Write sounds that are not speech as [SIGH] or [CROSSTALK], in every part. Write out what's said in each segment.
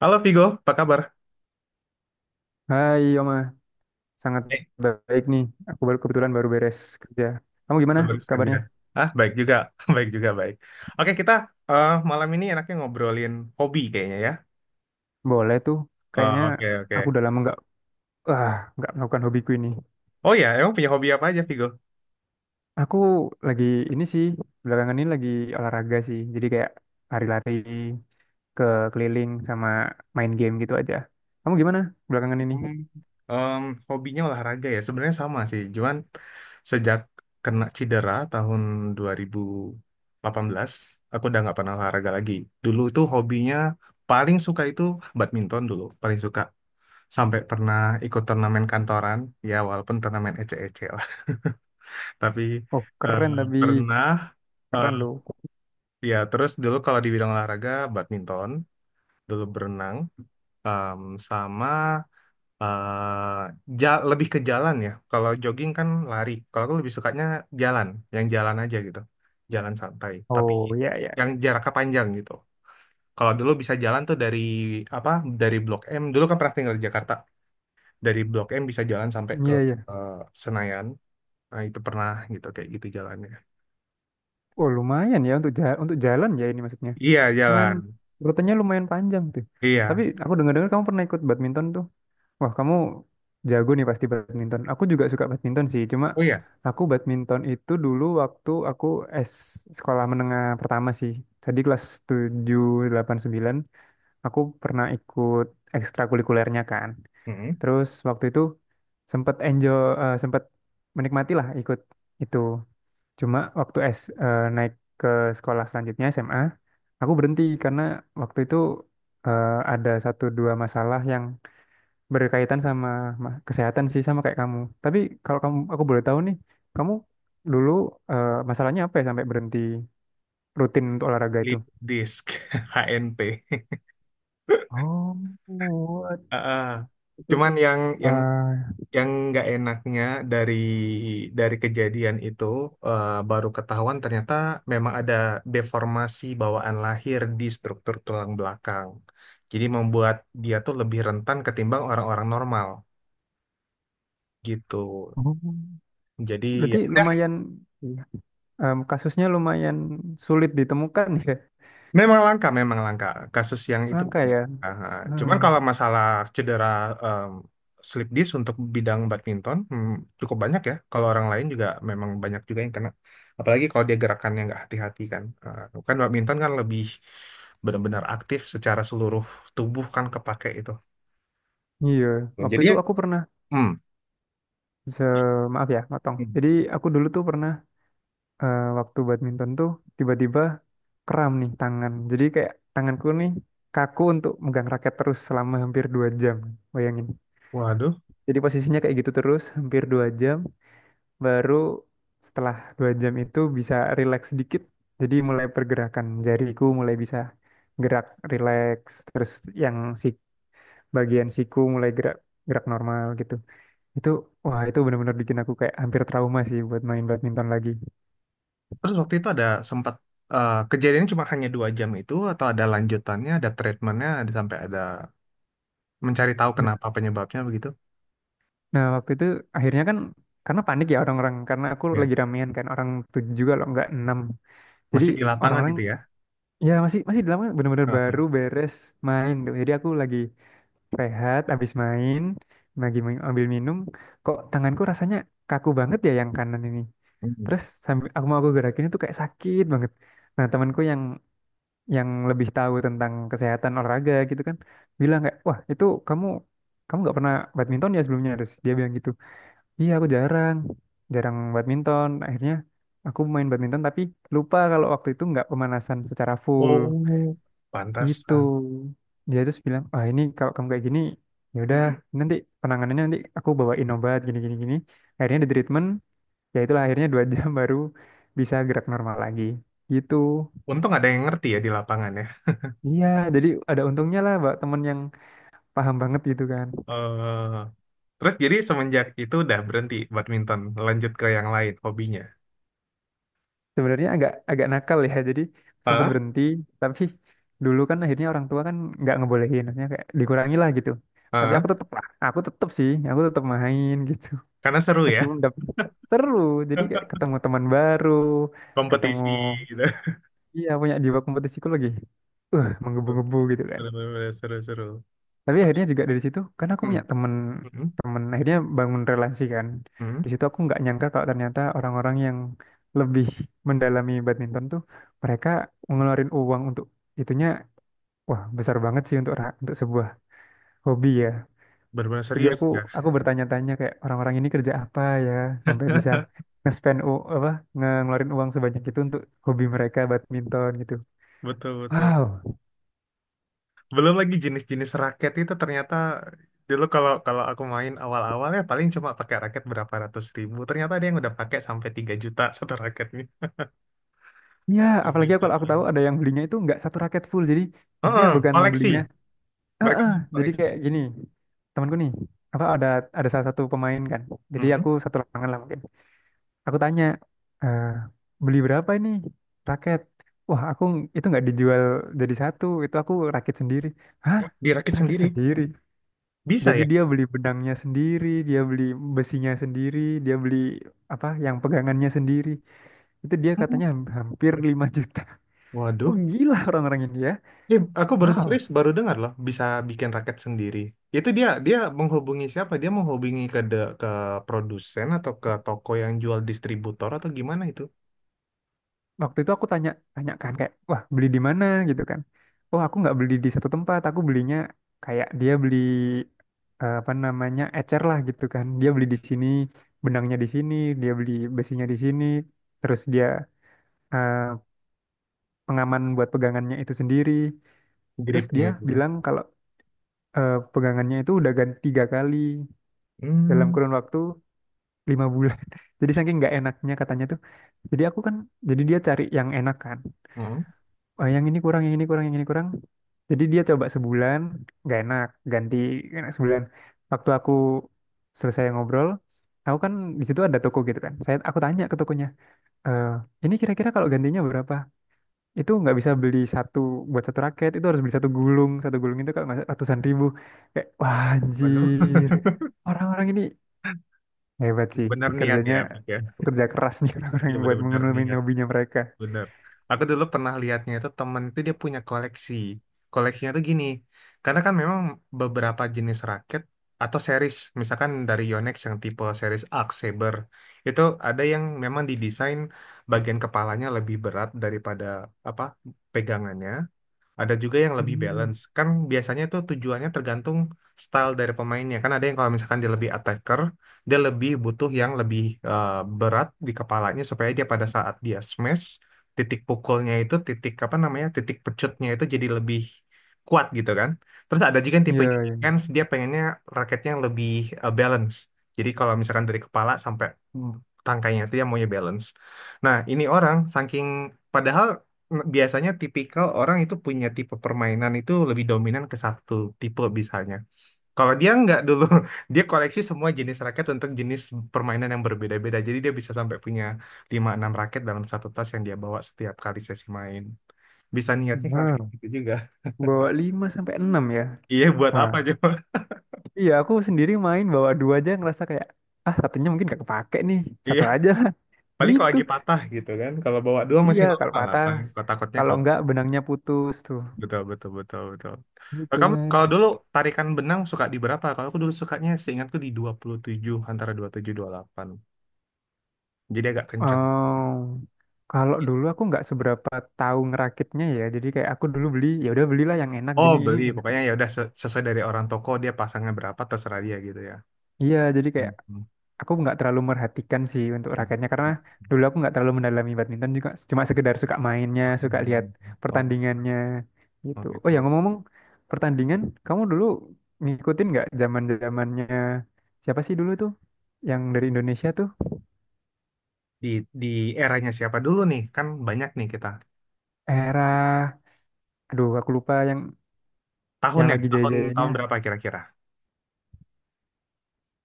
Halo Vigo, apa kabar? Hai Yoma, sangat Eh, baik nih. Aku baru kebetulan baru beres kerja. Kamu gua gimana baru kerja. kabarnya? Ah, baik juga, [LAUGHS] baik juga, baik. Oke, kita malam ini enaknya ngobrolin hobi kayaknya ya. Boleh tuh. Kayaknya Oke, aku oke. udah lama nggak melakukan hobiku ini. Oh ya, emang punya hobi apa aja Vigo? Aku lagi ini sih, belakangan ini lagi olahraga sih. Jadi kayak lari-lari ke keliling sama main game gitu aja. Kamu gimana belakangan ini? Hmm, em, hobinya olahraga ya, sebenarnya sama sih. Cuman sejak kena cedera tahun 2018, aku udah nggak pernah olahraga lagi. Dulu tuh hobinya paling suka itu badminton dulu, paling suka. Sampai pernah ikut turnamen kantoran, ya walaupun turnamen ece-ece lah, [LAUGHS] tapi Oh eh, keren, tapi pernah eh, keren loh. ya terus dulu kalau di bidang olahraga badminton dulu berenang, em, sama eh, lebih ke jalan ya, kalau jogging kan lari, kalau aku lebih sukanya jalan, yang jalan aja gitu, jalan santai tapi Oh ya ya yang ya. jaraknya panjang gitu. Kalau dulu bisa jalan tuh dari apa, dari Blok M, dulu kan pernah tinggal di Jakarta. Dari Blok M bisa jalan sampai ke Iya ya. eh, Senayan. Nah, itu pernah gitu kayak gitu jalannya. Oh lumayan ya, untuk jalan ya, ini maksudnya. Iya, Lumayan, jalan. rutenya lumayan panjang tuh. Tapi Iya. aku dengar-dengar kamu pernah ikut badminton tuh. Wah, kamu jago nih pasti badminton. Aku juga suka badminton sih. Cuma Oh iya. aku badminton itu dulu waktu aku S sekolah menengah pertama sih. Jadi kelas 7, 8, 9, aku pernah ikut ekstrakurikulernya kan. Mm-mm. Terus waktu itu sempat enjoy, sempat menikmati lah ikut itu. Cuma waktu naik ke sekolah selanjutnya SMA, aku berhenti karena waktu itu eh, ada satu dua masalah yang berkaitan sama kesehatan sih, sama kayak kamu. Tapi kalau kamu, aku boleh tahu nih, kamu dulu masalahnya apa ya sampai berhenti rutin untuk olahraga itu? Lip disk [LAUGHS] HNP. Oh, what? Heeh. Itu, Cuman yang eh, yang nggak enaknya dari kejadian itu, baru ketahuan ternyata memang ada deformasi bawaan lahir di struktur tulang belakang. Jadi membuat dia tuh lebih rentan ketimbang orang-orang normal gitu. oh, Jadi ya berarti udah. lumayan. Iya. Kasusnya lumayan sulit ditemukan ya, Memang langka, memang langka. Kasus yang itu. langka ya. Ah, ah. Hmm, Cuman kalau masalah cedera, em, slip disc untuk bidang badminton, hmm, cukup banyak ya. Kalau orang lain juga memang banyak juga yang kena. Apalagi kalau dia gerakannya nggak hati-hati kan. Kan badminton kan lebih benar-benar aktif secara seluruh tubuh kan kepake itu. iya, waktu Jadi itu ya, aku pernah. hmm. Se Maaf ya, motong. Hmm. Jadi aku dulu tuh pernah, waktu badminton tuh tiba-tiba kram nih tangan. Jadi kayak tanganku nih kaku untuk megang raket terus selama hampir 2 jam. Bayangin. Waduh. Jadi posisinya kayak gitu terus hampir 2 jam. Baru setelah 2 jam itu bisa rileks sedikit. Jadi mulai pergerakan jariku mulai bisa gerak rileks. Terus yang si bagian siku mulai gerak gerak normal gitu. Itu, wah, itu benar-benar bikin aku kayak hampir trauma sih buat main badminton lagi. Terus waktu itu ada sempat kejadiannya cuma hanya 2 jam itu, atau ada lanjutannya, ada treatmentnya, ada sampai ada mencari tahu Nah, kenapa penyebabnya begitu. nah, waktu itu akhirnya kan karena panik ya orang-orang, karena aku Ya, lagi ramean kan, orang tujuh juga loh, nggak enam. Jadi masih di lapangan orang-orang itu ya. ya masih masih di lapangan, benar bener baru Heeh. beres main tuh. Jadi aku lagi rehat habis main, lagi ambil minum, kok tanganku rasanya kaku banget ya, yang kanan ini. Hmm. Terus sambil aku mau aku gerakin itu kayak sakit banget. Nah temanku yang lebih tahu tentang kesehatan olahraga gitu kan, bilang kayak, wah itu kamu kamu nggak pernah badminton ya sebelumnya. Terus dia bilang gitu, iya aku jarang jarang badminton. Akhirnya aku main badminton tapi lupa kalau waktu itu nggak pemanasan secara full. Oh, Itu pantasan. dia terus bilang, ah ini kalau kamu kayak gini ya udah, nanti penanganannya nanti aku bawain obat gini gini gini. Akhirnya di treatment, ya itulah, akhirnya dua [LAUGHS] jam baru bisa gerak normal lagi gitu. Untung ada yang ngerti ya di lapangan ya. Iya, jadi ada untungnya lah, Mbak, temen yang paham banget gitu kan. Eh, terus jadi semenjak itu udah berhenti badminton, lanjut ke yang lain hobinya. Sebenarnya agak agak nakal ya. Jadi sempat Heeh, berhenti, tapi dulu kan akhirnya orang tua kan nggak ngebolehin, maksudnya kayak dikurangi lah gitu. Tapi heeh. aku tetep lah, aku tetep sih, aku tetep main [LAUGHS] gitu. Karena seru ya, Meskipun udah seru, jadi kayak [LAUGHS] ketemu teman baru, ketemu, kompetisi gitu. iya, punya jiwa kompetisiku lagi. Menggebu-gebu gitu, Bener-bener seru-seru. tapi akhirnya juga dari situ karena aku Hmm, punya temen hmm, temen, akhirnya bangun relasi kan. Di hmm. situ aku nggak nyangka kalau ternyata orang-orang yang lebih mendalami badminton tuh mereka ngeluarin uang untuk itunya wah besar banget sih, untuk untuk sebuah hobi ya. Bener-bener Jadi serius aku ya. Bertanya-tanya kayak, orang-orang ini kerja apa ya sampai bisa [LAUGHS] nge-spend u- apa nge- ngeluarin uang sebanyak itu untuk hobi mereka badminton gitu, Betul-betul. wow. Belum lagi jenis-jenis raket itu ternyata, dulu kalau kalau aku main awal-awal, ya paling cuma pakai raket berapa ratus ribu, ternyata ada yang udah pakai sampai 3 juta [LAUGHS] satu raketnya. Ya 3 apalagi juta. kalau aku tahu ada yang belinya itu nggak satu raket full, jadi maksudnya Heeh, bukan koleksi, belinya. mereka Heeh, main jadi koleksi. kayak gini, temanku nih, apa ada salah satu pemain kan. Jadi aku Mm-mm. satu lapangan lah mungkin. Aku tanya, "Eh, beli berapa ini raket?" Wah, aku itu nggak dijual jadi satu, itu aku rakit sendiri. Hah? Dirakit Rakit sendiri, sendiri? bisa Jadi ya. dia beli benangnya sendiri, dia beli besinya sendiri, dia beli apa yang pegangannya sendiri. Itu dia Hmm. katanya hampir 5 juta. Waduh, Oh, gila orang-orang ini ya. ini aku baru Wow. serius baru dengar loh bisa bikin raket sendiri. Itu dia dia menghubungi siapa, dia menghubungi ke ke produsen atau ke toko yang jual distributor atau gimana itu. Waktu itu aku tanyakan kayak, wah beli di mana gitu kan. Oh aku nggak beli di satu tempat, aku belinya kayak dia beli, apa namanya, ecer lah gitu kan. Dia beli di sini benangnya, di sini dia beli besinya, di sini terus dia, eh, pengaman buat pegangannya itu sendiri. Terus Gripnya dia itu ya. bilang kalau pegangannya itu udah ganti 3 kali dalam Hmm. kurun waktu 5 bulan [LAUGHS] jadi saking nggak enaknya katanya tuh, jadi aku kan, jadi dia cari yang enak kan. Oh, yang ini kurang, yang ini kurang, yang ini kurang. Jadi dia coba sebulan, gak enak, ganti, gak enak sebulan. Waktu aku selesai ngobrol, aku kan di situ ada toko gitu kan. Saya aku tanya ke tokonya, "Eh, ini kira-kira kalau gantinya berapa?" Itu nggak bisa beli satu buat satu raket, itu harus beli satu gulung itu kalau nggak salah ratusan ribu. Kayak wah, Bener, anjir, [LAUGHS] orang-orang ini hebat sih, bener niat kerjanya ya, Fik, ya. kerja keras nih [LAUGHS] orang-orang Iya yang buat bener-bener mengunumin niat, hobinya mereka. bener. Aku dulu pernah lihatnya itu, temen itu dia punya koleksi. Koleksinya tuh gini, karena kan memang beberapa jenis raket atau series, misalkan dari Yonex yang tipe series Arc Saber, itu ada yang memang didesain bagian kepalanya lebih berat daripada apa, pegangannya. Ada juga yang lebih Hmm. balance. Kan biasanya tuh tujuannya tergantung style dari pemainnya. Kan ada yang kalau misalkan dia lebih attacker, dia lebih butuh yang lebih eh, berat di kepalanya supaya dia pada saat dia smash, titik pukulnya itu, titik apa namanya, titik pecutnya itu jadi lebih kuat gitu kan. Terus ada juga yang Iya, tipenya iya. defense, dia pengennya raketnya yang lebih balance. Jadi kalau misalkan dari kepala sampai mm, tangkainya itu yang maunya balance. Nah, ini orang saking padahal, nah, biasanya tipikal orang itu punya tipe permainan itu lebih dominan ke satu tipe misalnya. Kalau dia nggak dulu, [LAUGHS] dia koleksi semua jenis raket untuk jenis permainan yang berbeda-beda. Jadi dia bisa sampai punya lima enam raket dalam satu tas yang dia bawa setiap kali sesi main. Bisa niatnya sampai kayak Wow. gitu juga. [LAUGHS] Bawa 5 sampai 6 ya. Iya, buat Wah, apa coba? iya, aku sendiri main bawa dua aja ngerasa kayak ah satunya mungkin gak kepake nih. [LAUGHS] Iya, Satu aja lah. [LAUGHS] paling kalau Gitu. lagi patah gitu kan. Kalau bawa dua Iya, masih kalau normal lah, patah, paling kotak-kotaknya kalau kalau. enggak benangnya putus tuh. Betul, betul, betul, betul. Gitu Kamu kan. kalau dulu tarikan benang suka di berapa? Kalau aku dulu sukanya seingatku di 27, antara dua 27 28. Jadi agak kencang. Oh, kalau dulu aku nggak seberapa tahu ngerakitnya ya. Jadi kayak aku dulu beli, ya udah belilah yang enak Oh, gini, ini beli. enak. Pokoknya ya udah sesuai dari orang toko, dia pasangnya berapa terserah dia gitu ya. Iya, jadi Hmm, kayak hmm, aku nggak terlalu merhatikan sih untuk raketnya, karena hmm. dulu aku nggak terlalu mendalami badminton juga, cuma sekedar suka mainnya, suka lihat Oh, pertandingannya oh gitu. Oh ya, gitu. ngomong-ngomong pertandingan, kamu dulu ngikutin nggak zaman zamannya siapa sih dulu tuh yang dari Indonesia tuh? Di di eranya siapa dulu nih? Kan banyak nih kita. Era, aduh aku lupa yang Tahunnya, lagi tahun jaya-jayanya tahun berapa kira-kira?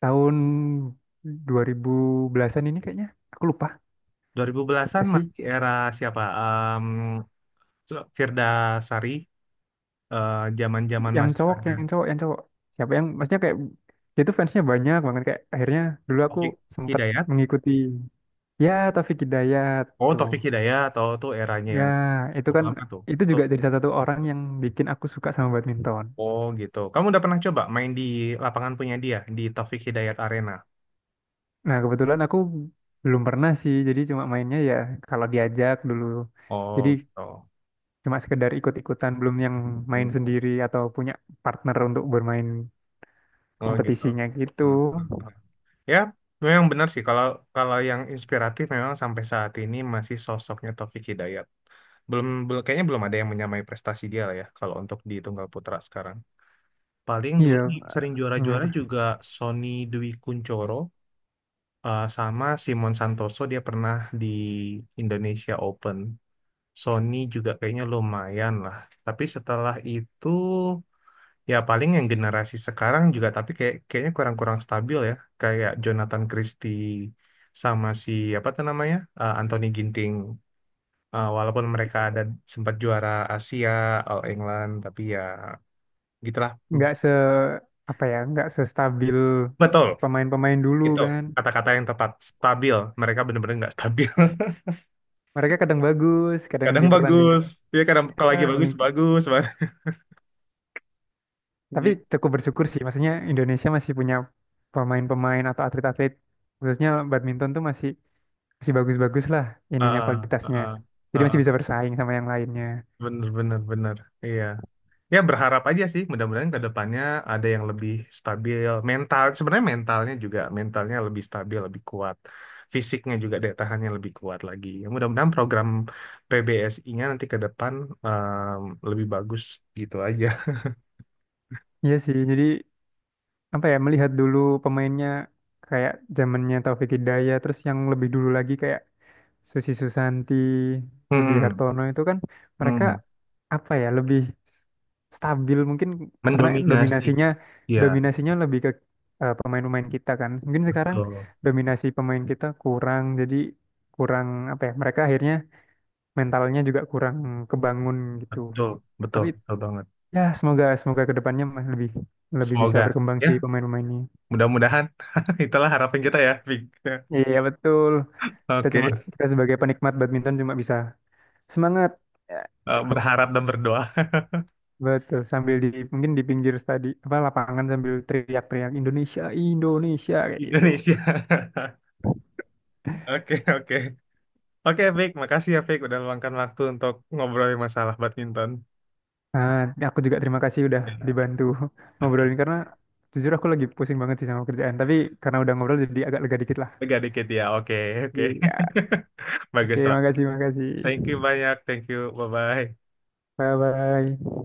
tahun 2000 belasan ini kayaknya, aku lupa 2000-an siapa sih, masih era siapa? Firda Sari, zaman-zaman yang masih cowok, ada yang cowok, yang cowok siapa, yang maksudnya kayak dia tuh fansnya banyak banget, kayak akhirnya dulu aku Taufik sempat Hidayat. mengikuti, ya Taufik Hidayat Oh, tuh, Taufik Hidayat atau tuh eranya ya yang itu cukup kan lama tuh. itu Tuh. juga jadi salah satu orang yang bikin aku suka sama badminton. Oh, gitu. Kamu udah pernah coba main di lapangan punya dia di Taufik Hidayat Arena? Nah kebetulan aku belum pernah sih, jadi cuma mainnya ya kalau diajak dulu. Oh, Jadi gitu. cuma sekedar ikut-ikutan, belum yang Hmm. main sendiri atau punya partner untuk bermain Oh, gitu. kompetisinya gitu. Hmm, hmm, hmm. Ya, memang benar sih kalau kalau yang inspiratif memang sampai saat ini masih sosoknya Taufik Hidayat. Belum, belum kayaknya belum ada yang menyamai prestasi dia lah ya kalau untuk di Tunggal Putra sekarang. Paling Iya dulu yang sering menurut, juara-juara juga Sony Dwi Kuncoro, sama Simon Santoso, dia pernah di Indonesia Open. Sony juga kayaknya lumayan lah. Tapi setelah itu ya paling yang generasi sekarang juga, tapi kayak kayaknya kurang-kurang stabil ya. Kayak Jonathan Christie sama si apa tuh namanya? Anthony Ginting. Walaupun mereka ada sempat juara Asia, All England, tapi ya gitulah. Hmm. nggak se, apa ya, nggak sestabil Betul, pemain-pemain dulu itu kan. kata-kata yang tepat. Stabil. Mereka bener-bener nggak stabil. [LAUGHS] Mereka kadang bagus kadang Kadang di pertandingan. bagus, ya kadang kalau lagi Ah, bagus bagus banget. tapi Gitu. cukup bersyukur sih, maksudnya Indonesia masih punya pemain-pemain atau atlet-atlet, khususnya badminton tuh masih masih bagus-bagus lah ininya, Ah, ah, kualitasnya, ah, jadi masih bisa ah. bersaing sama yang lainnya. Bener bener bener. Iya, ya berharap aja sih mudah-mudahan ke depannya ada yang lebih stabil mental, sebenarnya mentalnya juga mentalnya lebih stabil lebih kuat, fisiknya juga daya tahannya lebih kuat lagi ya, mudah-mudahan program PBSI-nya nanti ke depan, em, lebih bagus gitu aja. Iya sih jadi, apa ya, melihat dulu pemainnya kayak zamannya Taufik Hidayat, terus yang lebih dulu lagi kayak Susi Susanti, [LAUGHS] Rudy Hmm, Hartono, itu kan mereka hmm. apa ya lebih stabil mungkin karena Mendominasi dominasinya, ya. dominasinya lebih ke pemain-pemain kita kan. Mungkin sekarang Betul, dominasi pemain kita kurang, jadi kurang apa ya, mereka akhirnya mentalnya juga kurang kebangun gitu. betul betul Tapi betul banget. ya semoga, semoga kedepannya mah lebih, lebih bisa Semoga berkembang sih ya. pemain-pemain ini. Mudah-mudahan [LAUGHS] itulah harapan kita ya, Vic. Iya betul. Kita Oke. cuma, kita sebagai penikmat badminton cuma bisa semangat. Berharap dan berdoa. Betul, sambil di mungkin di pinggir apa lapangan, sambil teriak-teriak Indonesia, Indonesia kayak gitu. Indonesia. [LAUGHS] Oke, oke. Oke, Vic, makasih ya, Vic, udah meluangkan waktu untuk ngobrolin masalah badminton. Nah, aku juga terima kasih udah Ya, dibantu [LAUGHS] ngobrolin, karena jujur aku lagi pusing banget sih sama kerjaan, tapi karena udah ngobrol jadi agak lega dikit lah. agak dikit ya. Oke, oke. Iya. [LAUGHS] Bagus Oke, lah. makasih, makasih. Thank you banyak. Thank you. Bye-bye. Bye bye.